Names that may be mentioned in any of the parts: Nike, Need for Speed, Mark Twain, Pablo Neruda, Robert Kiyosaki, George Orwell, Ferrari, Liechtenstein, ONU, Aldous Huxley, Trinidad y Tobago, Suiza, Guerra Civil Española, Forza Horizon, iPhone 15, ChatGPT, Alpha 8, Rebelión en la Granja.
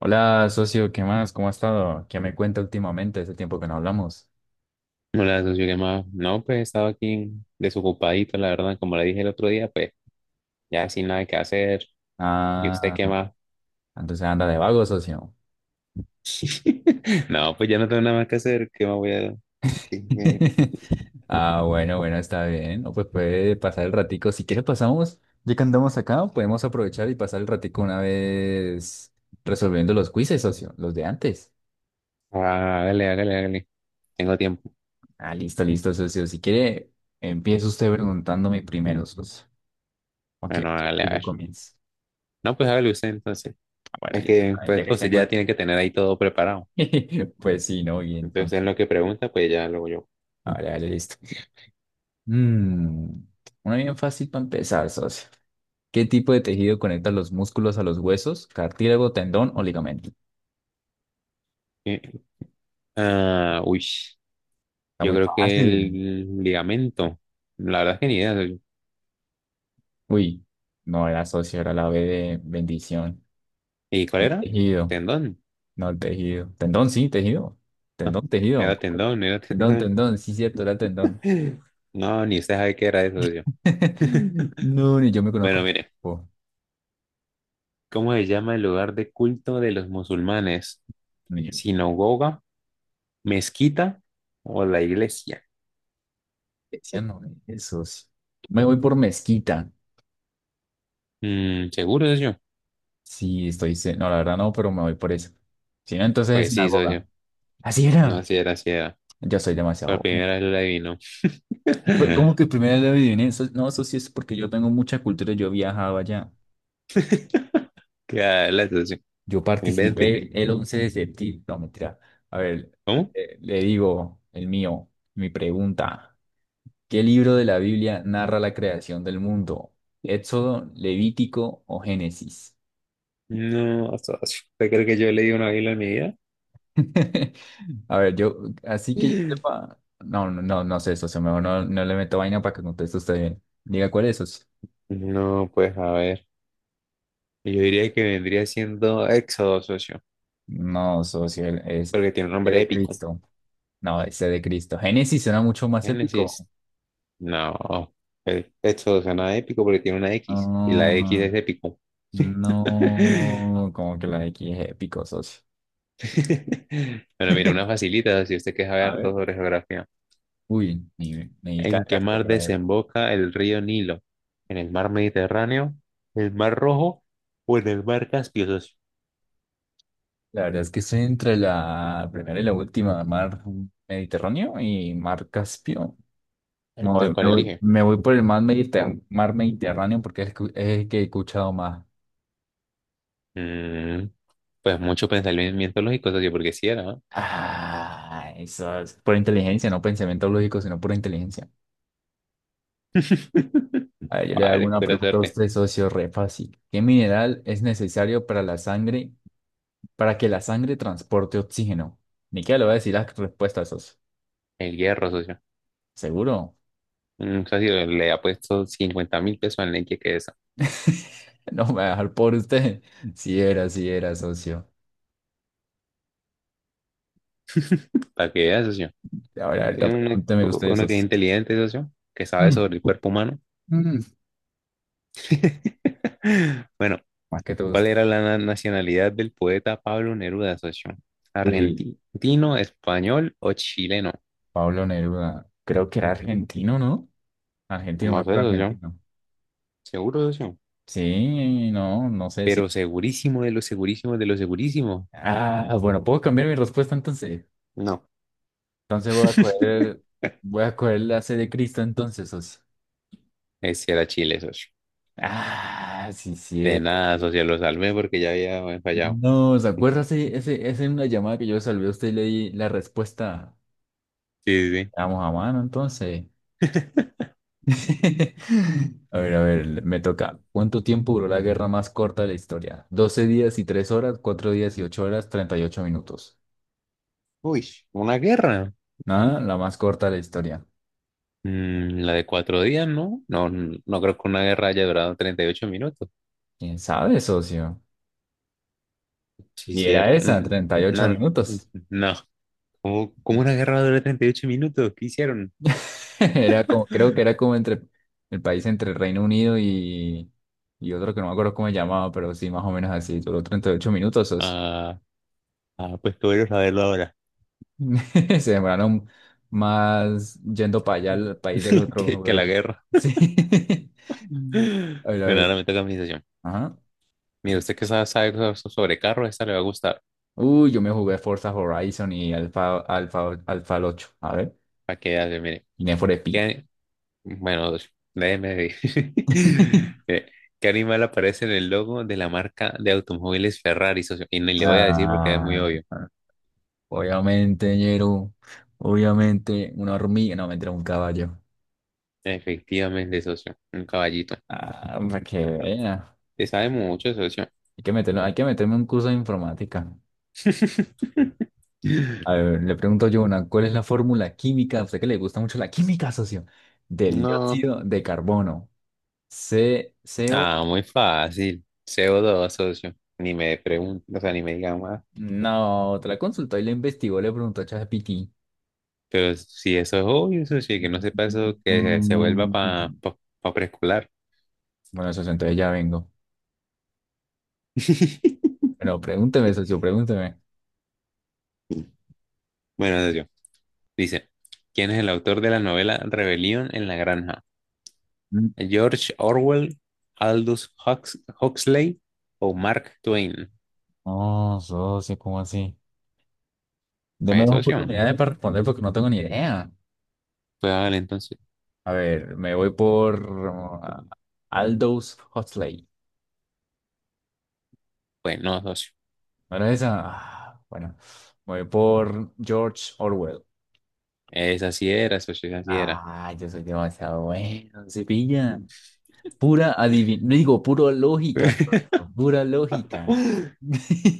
Hola, socio, ¿qué más? ¿Cómo ha estado? ¿Qué me cuenta últimamente? Hace tiempo que no hablamos. Hola, socio, ¿qué más? No, pues estaba aquí desocupadito, la verdad, como le dije el otro día, pues ya sin nada que hacer. ¿Y usted Ah, qué más? entonces anda de vago, socio. No, pues ya no tengo nada más que hacer, ¿qué más voy a... hacer? Sí, sí. Ah, bueno, bueno, está bien. No, pues puede pasar el ratico. Si quiere pasamos, ya que andamos acá, podemos aprovechar y pasar el ratico una vez resolviendo los quizzes, socio, los de antes. Ah, hágale, hágale, hágale. Tengo tiempo. Ah, listo, listo, socio. Si quiere, empieza usted preguntándome primero, socio. Ok, Bueno, ok, hágale, que a yo ver. comience. No, pues hágale usted entonces. Ah, bueno, Es listo. que, Ah, pues, ya que pues tengo ya tiene que tener ahí todo preparado. el... Pues sí, ¿no? Y Entonces, en entonces... lo que pregunta, pues ya lo hago yo. Vale, vale, listo. Mm, una bien fácil para empezar, socio. ¿Qué tipo de tejido conecta los músculos a los huesos, cartílago, tendón o ligamento? Eh, Ah, uy, Está yo muy creo que fácil. el ligamento. La verdad es que ni idea, socio. Uy, no era socio, era la B de bendición. ¿Y cuál era? Tejido, Tendón. no tejido. Tendón, sí, tejido. No, Tendón, tejido. era tendón, era Tendón, tendón. tendón, sí, cierto, era tendón. No, ni usted sabe qué era eso yo. No, ni yo me Bueno, conozco. mire, Oh, ¿cómo se llama el lugar de culto de los musulmanes? ni yo. ¿Sinagoga, mezquita o la iglesia? Decía, no, esos. Me voy por mezquita. ¿Seguro, socio? Sí, estoy. No, la verdad no, pero me voy por eso. Si no, entonces es Pues sí, sinagoga. socio. Así No, era. si era, si era. Yo soy Por demasiado bueno. primera vez lo adivinó. ¿Cómo que primero lo adiviné? No, eso sí es porque yo tengo mucha cultura. Yo viajaba allá. Qué, la socio. Yo Invente. participé el 11 de septiembre. No, mentira. A ver, ¿Cómo? Le digo el mío, mi pregunta. ¿Qué libro de la Biblia narra la creación del mundo? ¿Éxodo, Levítico o Génesis? No, socio. ¿Usted cree que yo leí una Biblia en mi vida? A ver, yo, así que yo sepa- no, no, no, no sé eso. Mejor no, no le meto vaina para que conteste usted bien. Diga cuál es eso. No, pues a ver. Yo diría que vendría siendo Éxodo, socio. No, socio, es Porque tiene un el nombre de épico. Cristo. No, ese de Cristo. Génesis suena mucho más Génesis. épico. No. Esto suena épico porque tiene una X. Y la X No, es épico. no, como que la de aquí es épico, socio. Bueno, mira, una facilita si usted quiere A saber todo ver. sobre geografía. Uy, me ¿En qué cargaste, mar pero desemboca el río Nilo? ¿En el mar Mediterráneo? ¿El mar Rojo? ¿O en el mar Caspio, socio? la verdad es que estoy entre la primera y la última, mar Mediterráneo y mar Caspio. Me Entonces, voy, me ¿cuál voy- elige? me voy por el mar Mediterráneo porque es el que he escuchado más. Mm, pues mucho pensamiento lógico, socio, porque sí era, ¿no? Ah, eso es por inteligencia, no pensamiento lógico, sino por inteligencia. A ver, yo le hago Vale, una espera pregunta a suerte. usted, socio, re fácil. ¿Qué mineral es necesario para la sangre, para que la sangre transporte oxígeno? Ni que le voy a decir las respuestas, socio. El hierro, socio. ¿Seguro? Socio, le ha puesto 50.000 pesos al Nike que es, No me va a dejar por usted. Si era, si era, socio. para que veas, socio. Ahora, ahorita Que Uno, pregúnteme usted, uno que es socio. inteligente, socio, que sabe Mm, sobre el cuerpo humano. mm, Bueno, Más que todo ¿cuál usted. era la nacionalidad del poeta Pablo Neruda, socio? Uy, ¿Argentino, español o chileno? Pablo Neruda. Creo que era argentino, ¿no? Argentino, No muy sé, pro socio. argentino. Seguro, socio. Sí, no, no sé si. Pero segurísimo de lo segurísimo de lo segurísimo. Ah, bueno, puedo cambiar mi respuesta entonces. No. Entonces voy a coger la C de Cristo entonces, socio. Ese era Chile, socio. Ah, sí, sí. De nada, socio, lo salvé porque ya había fallado. No, ¿se acuerda? Esa es una llamada que yo salvé a usted y le di la respuesta. Sí, sí, Vamos a mano entonces. sí. A ver, me toca. ¿Cuánto tiempo duró la guerra más corta de la historia? 12 días y 3 horas, 4 días y 8 horas, 38 minutos. Uy, una guerra. Nada, la más corta de la historia. La de 4 días, ¿no? No, no creo que una guerra haya durado 38 minutos. ¿Quién sabe, socio? Sí, Y era cierto. esa, Mm, 38 no, mm, minutos. no. ¿Cómo una guerra dura 38 minutos? ¿Qué hicieron? Era como, creo que era como entre el país entre Reino Unido y otro que no me acuerdo cómo se llamaba, pero sí, más o menos así. Duró 38 minutos, socio. Ah, ah, pues que voy saberlo ahora. Se demoraron más yendo para allá al país del otro. Que Güey. la guerra. Sí. A ver, a Bueno, ver. ahora me toca mi sesión. Ajá. Mire, usted que sabe sobre carros, esta le va a gustar. Uy, yo me jugué Forza Horizon y Alpha 8. A ver. Para que vea, mire. Y Need for Speed. ¿Qué, Bueno, déjeme ver. ¿Qué animal aparece en el logo de la marca de automóviles Ferrari, socio? Y no le voy a decir porque es muy Ah, obvio. obviamente, ñero. Obviamente, una hormiga. No, mentira, un caballo. Efectivamente, socio. Un caballito. Ah, para que Ajá. vea. Te sabe mucho, socio. Hay que meterlo, hay que meterme un curso de informática. A ver, le pregunto yo una, ¿cuál es la fórmula química? A usted que le gusta mucho la química, socio. Del No. dióxido de carbono. C, CO. Ah, muy fácil. CO2, socio. Ni me pregunto, o sea, ni me digan más. No, te la consultó y le investigó, le preguntó a ChatGPT. Pero si eso es obvio, socio, que no sepa eso, que se vuelva Mm, para pa preescolar. Bueno, socio, entonces ya vengo. Pero pregúnteme, socio, pregúnteme. Bueno, socio. Dice, ¿quién es el autor de la novela Rebelión en la Granja? Mm. ¿George Orwell, Aldous Huxley o Mark Twain? No, socio, ¿cómo así? Deme ¿Es dos socio? oportunidades para responder porque no tengo ni idea. Pues vale, entonces. A ver, me voy por Aldous Huxley. Pues no, socio. ¿No era esa? Ah, bueno, me voy por George Orwell. Esa sí era, socio, esa sí era. Ah, yo soy demasiado bueno, se pilla. Pura adivin... no digo, pura lógica, pura lógica.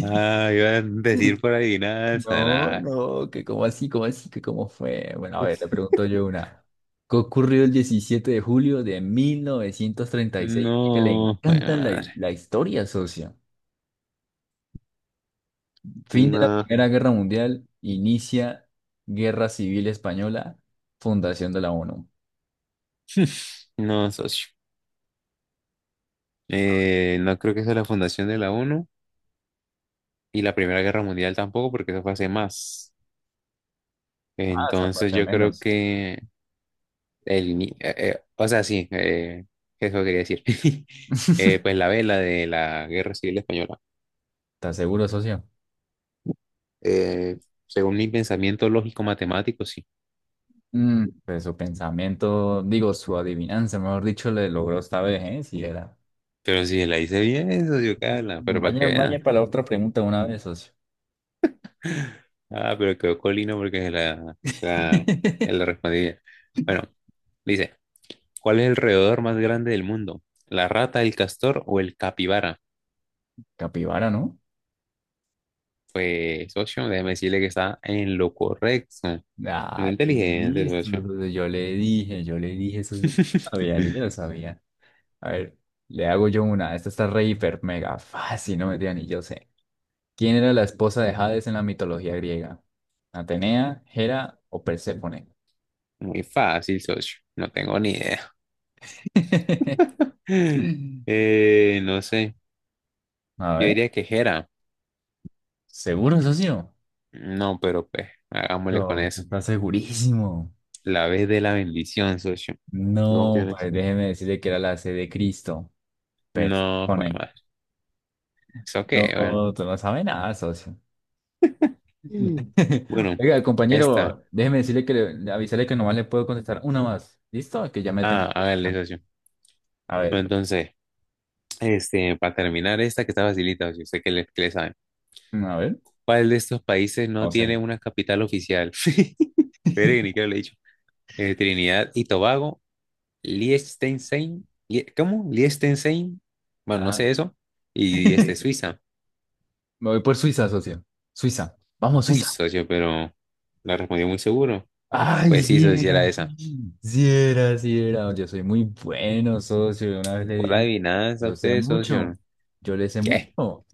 Ah, iba a decir por adivinanza, No, nada. no, que como así, que cómo fue. Bueno, a ver, le pregunto yo una. ¿Qué ocurrió el 17 de julio de 1936? Que le No, bueno, encanta madre. la historia, socio. Fin de la No, Primera Guerra Mundial, inicia Guerra Civil Española, fundación de la ONU. no, socio. No creo que sea la fundación de la ONU y la Primera Guerra Mundial tampoco, porque eso fue hace más. Ah, está Entonces parte yo creo menos. que o sea, sí, eso quería decir. Eh, pues la vela de la Guerra Civil Española. ¿Estás seguro, socio? Eh, según mi pensamiento lógico-matemático, sí. Pues su pensamiento, digo, su adivinanza, mejor dicho, le logró esta vez, ¿eh? Si era. Pero si la hice bien, eso yo Carla, pero para que Vaya, vea. vaya para la otra pregunta una vez, socio. Ah, pero quedó colino porque se la respondí. Bueno, dice, ¿cuál es el roedor más grande del mundo? ¿La rata, el castor o el capibara? Capibara, ¿no? Pues, socio, déjeme decirle que está en lo correcto. Muy Ah, inteligente, listo. socio. Yo le dije eso. Sí. Sabía, yo ya lo sabía. A ver, le hago yo una. Esta está re hiper mega fácil, no me digan ni yo sé. ¿Quién era la esposa de Hades en la mitología griega? ¿Atenea, Hera o Perséfone? Muy fácil, socio. No tengo ni idea. No sé. A Yo ver, diría que Jera. ¿seguro, socio? No, pero pues, hagámosle con Yo, eso. está segurísimo. La vez de la bendición, socio. Yo confío No, en eso. pues déjeme decirle que era la C de Cristo. No, fue Perséfone. mal. ¿Eso qué? No, Bueno. tú no sabes nada, socio. Mm. Bueno, Oiga, esta. compañero, déjeme decirle que le, avisarle que nomás le puedo contestar una más. ¿Listo? Que ya me tengo. Ah, hágale, Ir. socio. A ver, Bueno, entonces, para terminar esta que está facilita, socio. Sé que le saben. A ver, ¿Cuál de estos países no no sé. tiene una capital oficial? Pero ni que lo he dicho. Trinidad y Tobago, Liechtenstein, ¿cómo? Liechtenstein, bueno, no Ajá. sé eso, y Suiza. Me voy por Suiza, socio. Suiza. Vamos, Uy, Suiza. socio, pero la respondí muy seguro. Ay, Pues sí, sí socio, sí era era. esa. Sí era, sí era. Yo soy muy bueno, socio. Una vez le Por di, adivinanza, yo sé usted, socio. mucho. Yo le sé ¿Qué? mucho.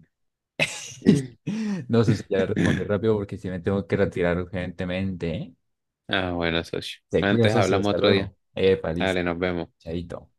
No, socio, ya le respondí rápido porque si me tengo que retirar urgentemente. ¿Eh? Ah, bueno, socio. Se cuida, Antes socio. hablamos Hasta otro día. luego. Epa, listo. Dale, nos vemos. Chaito.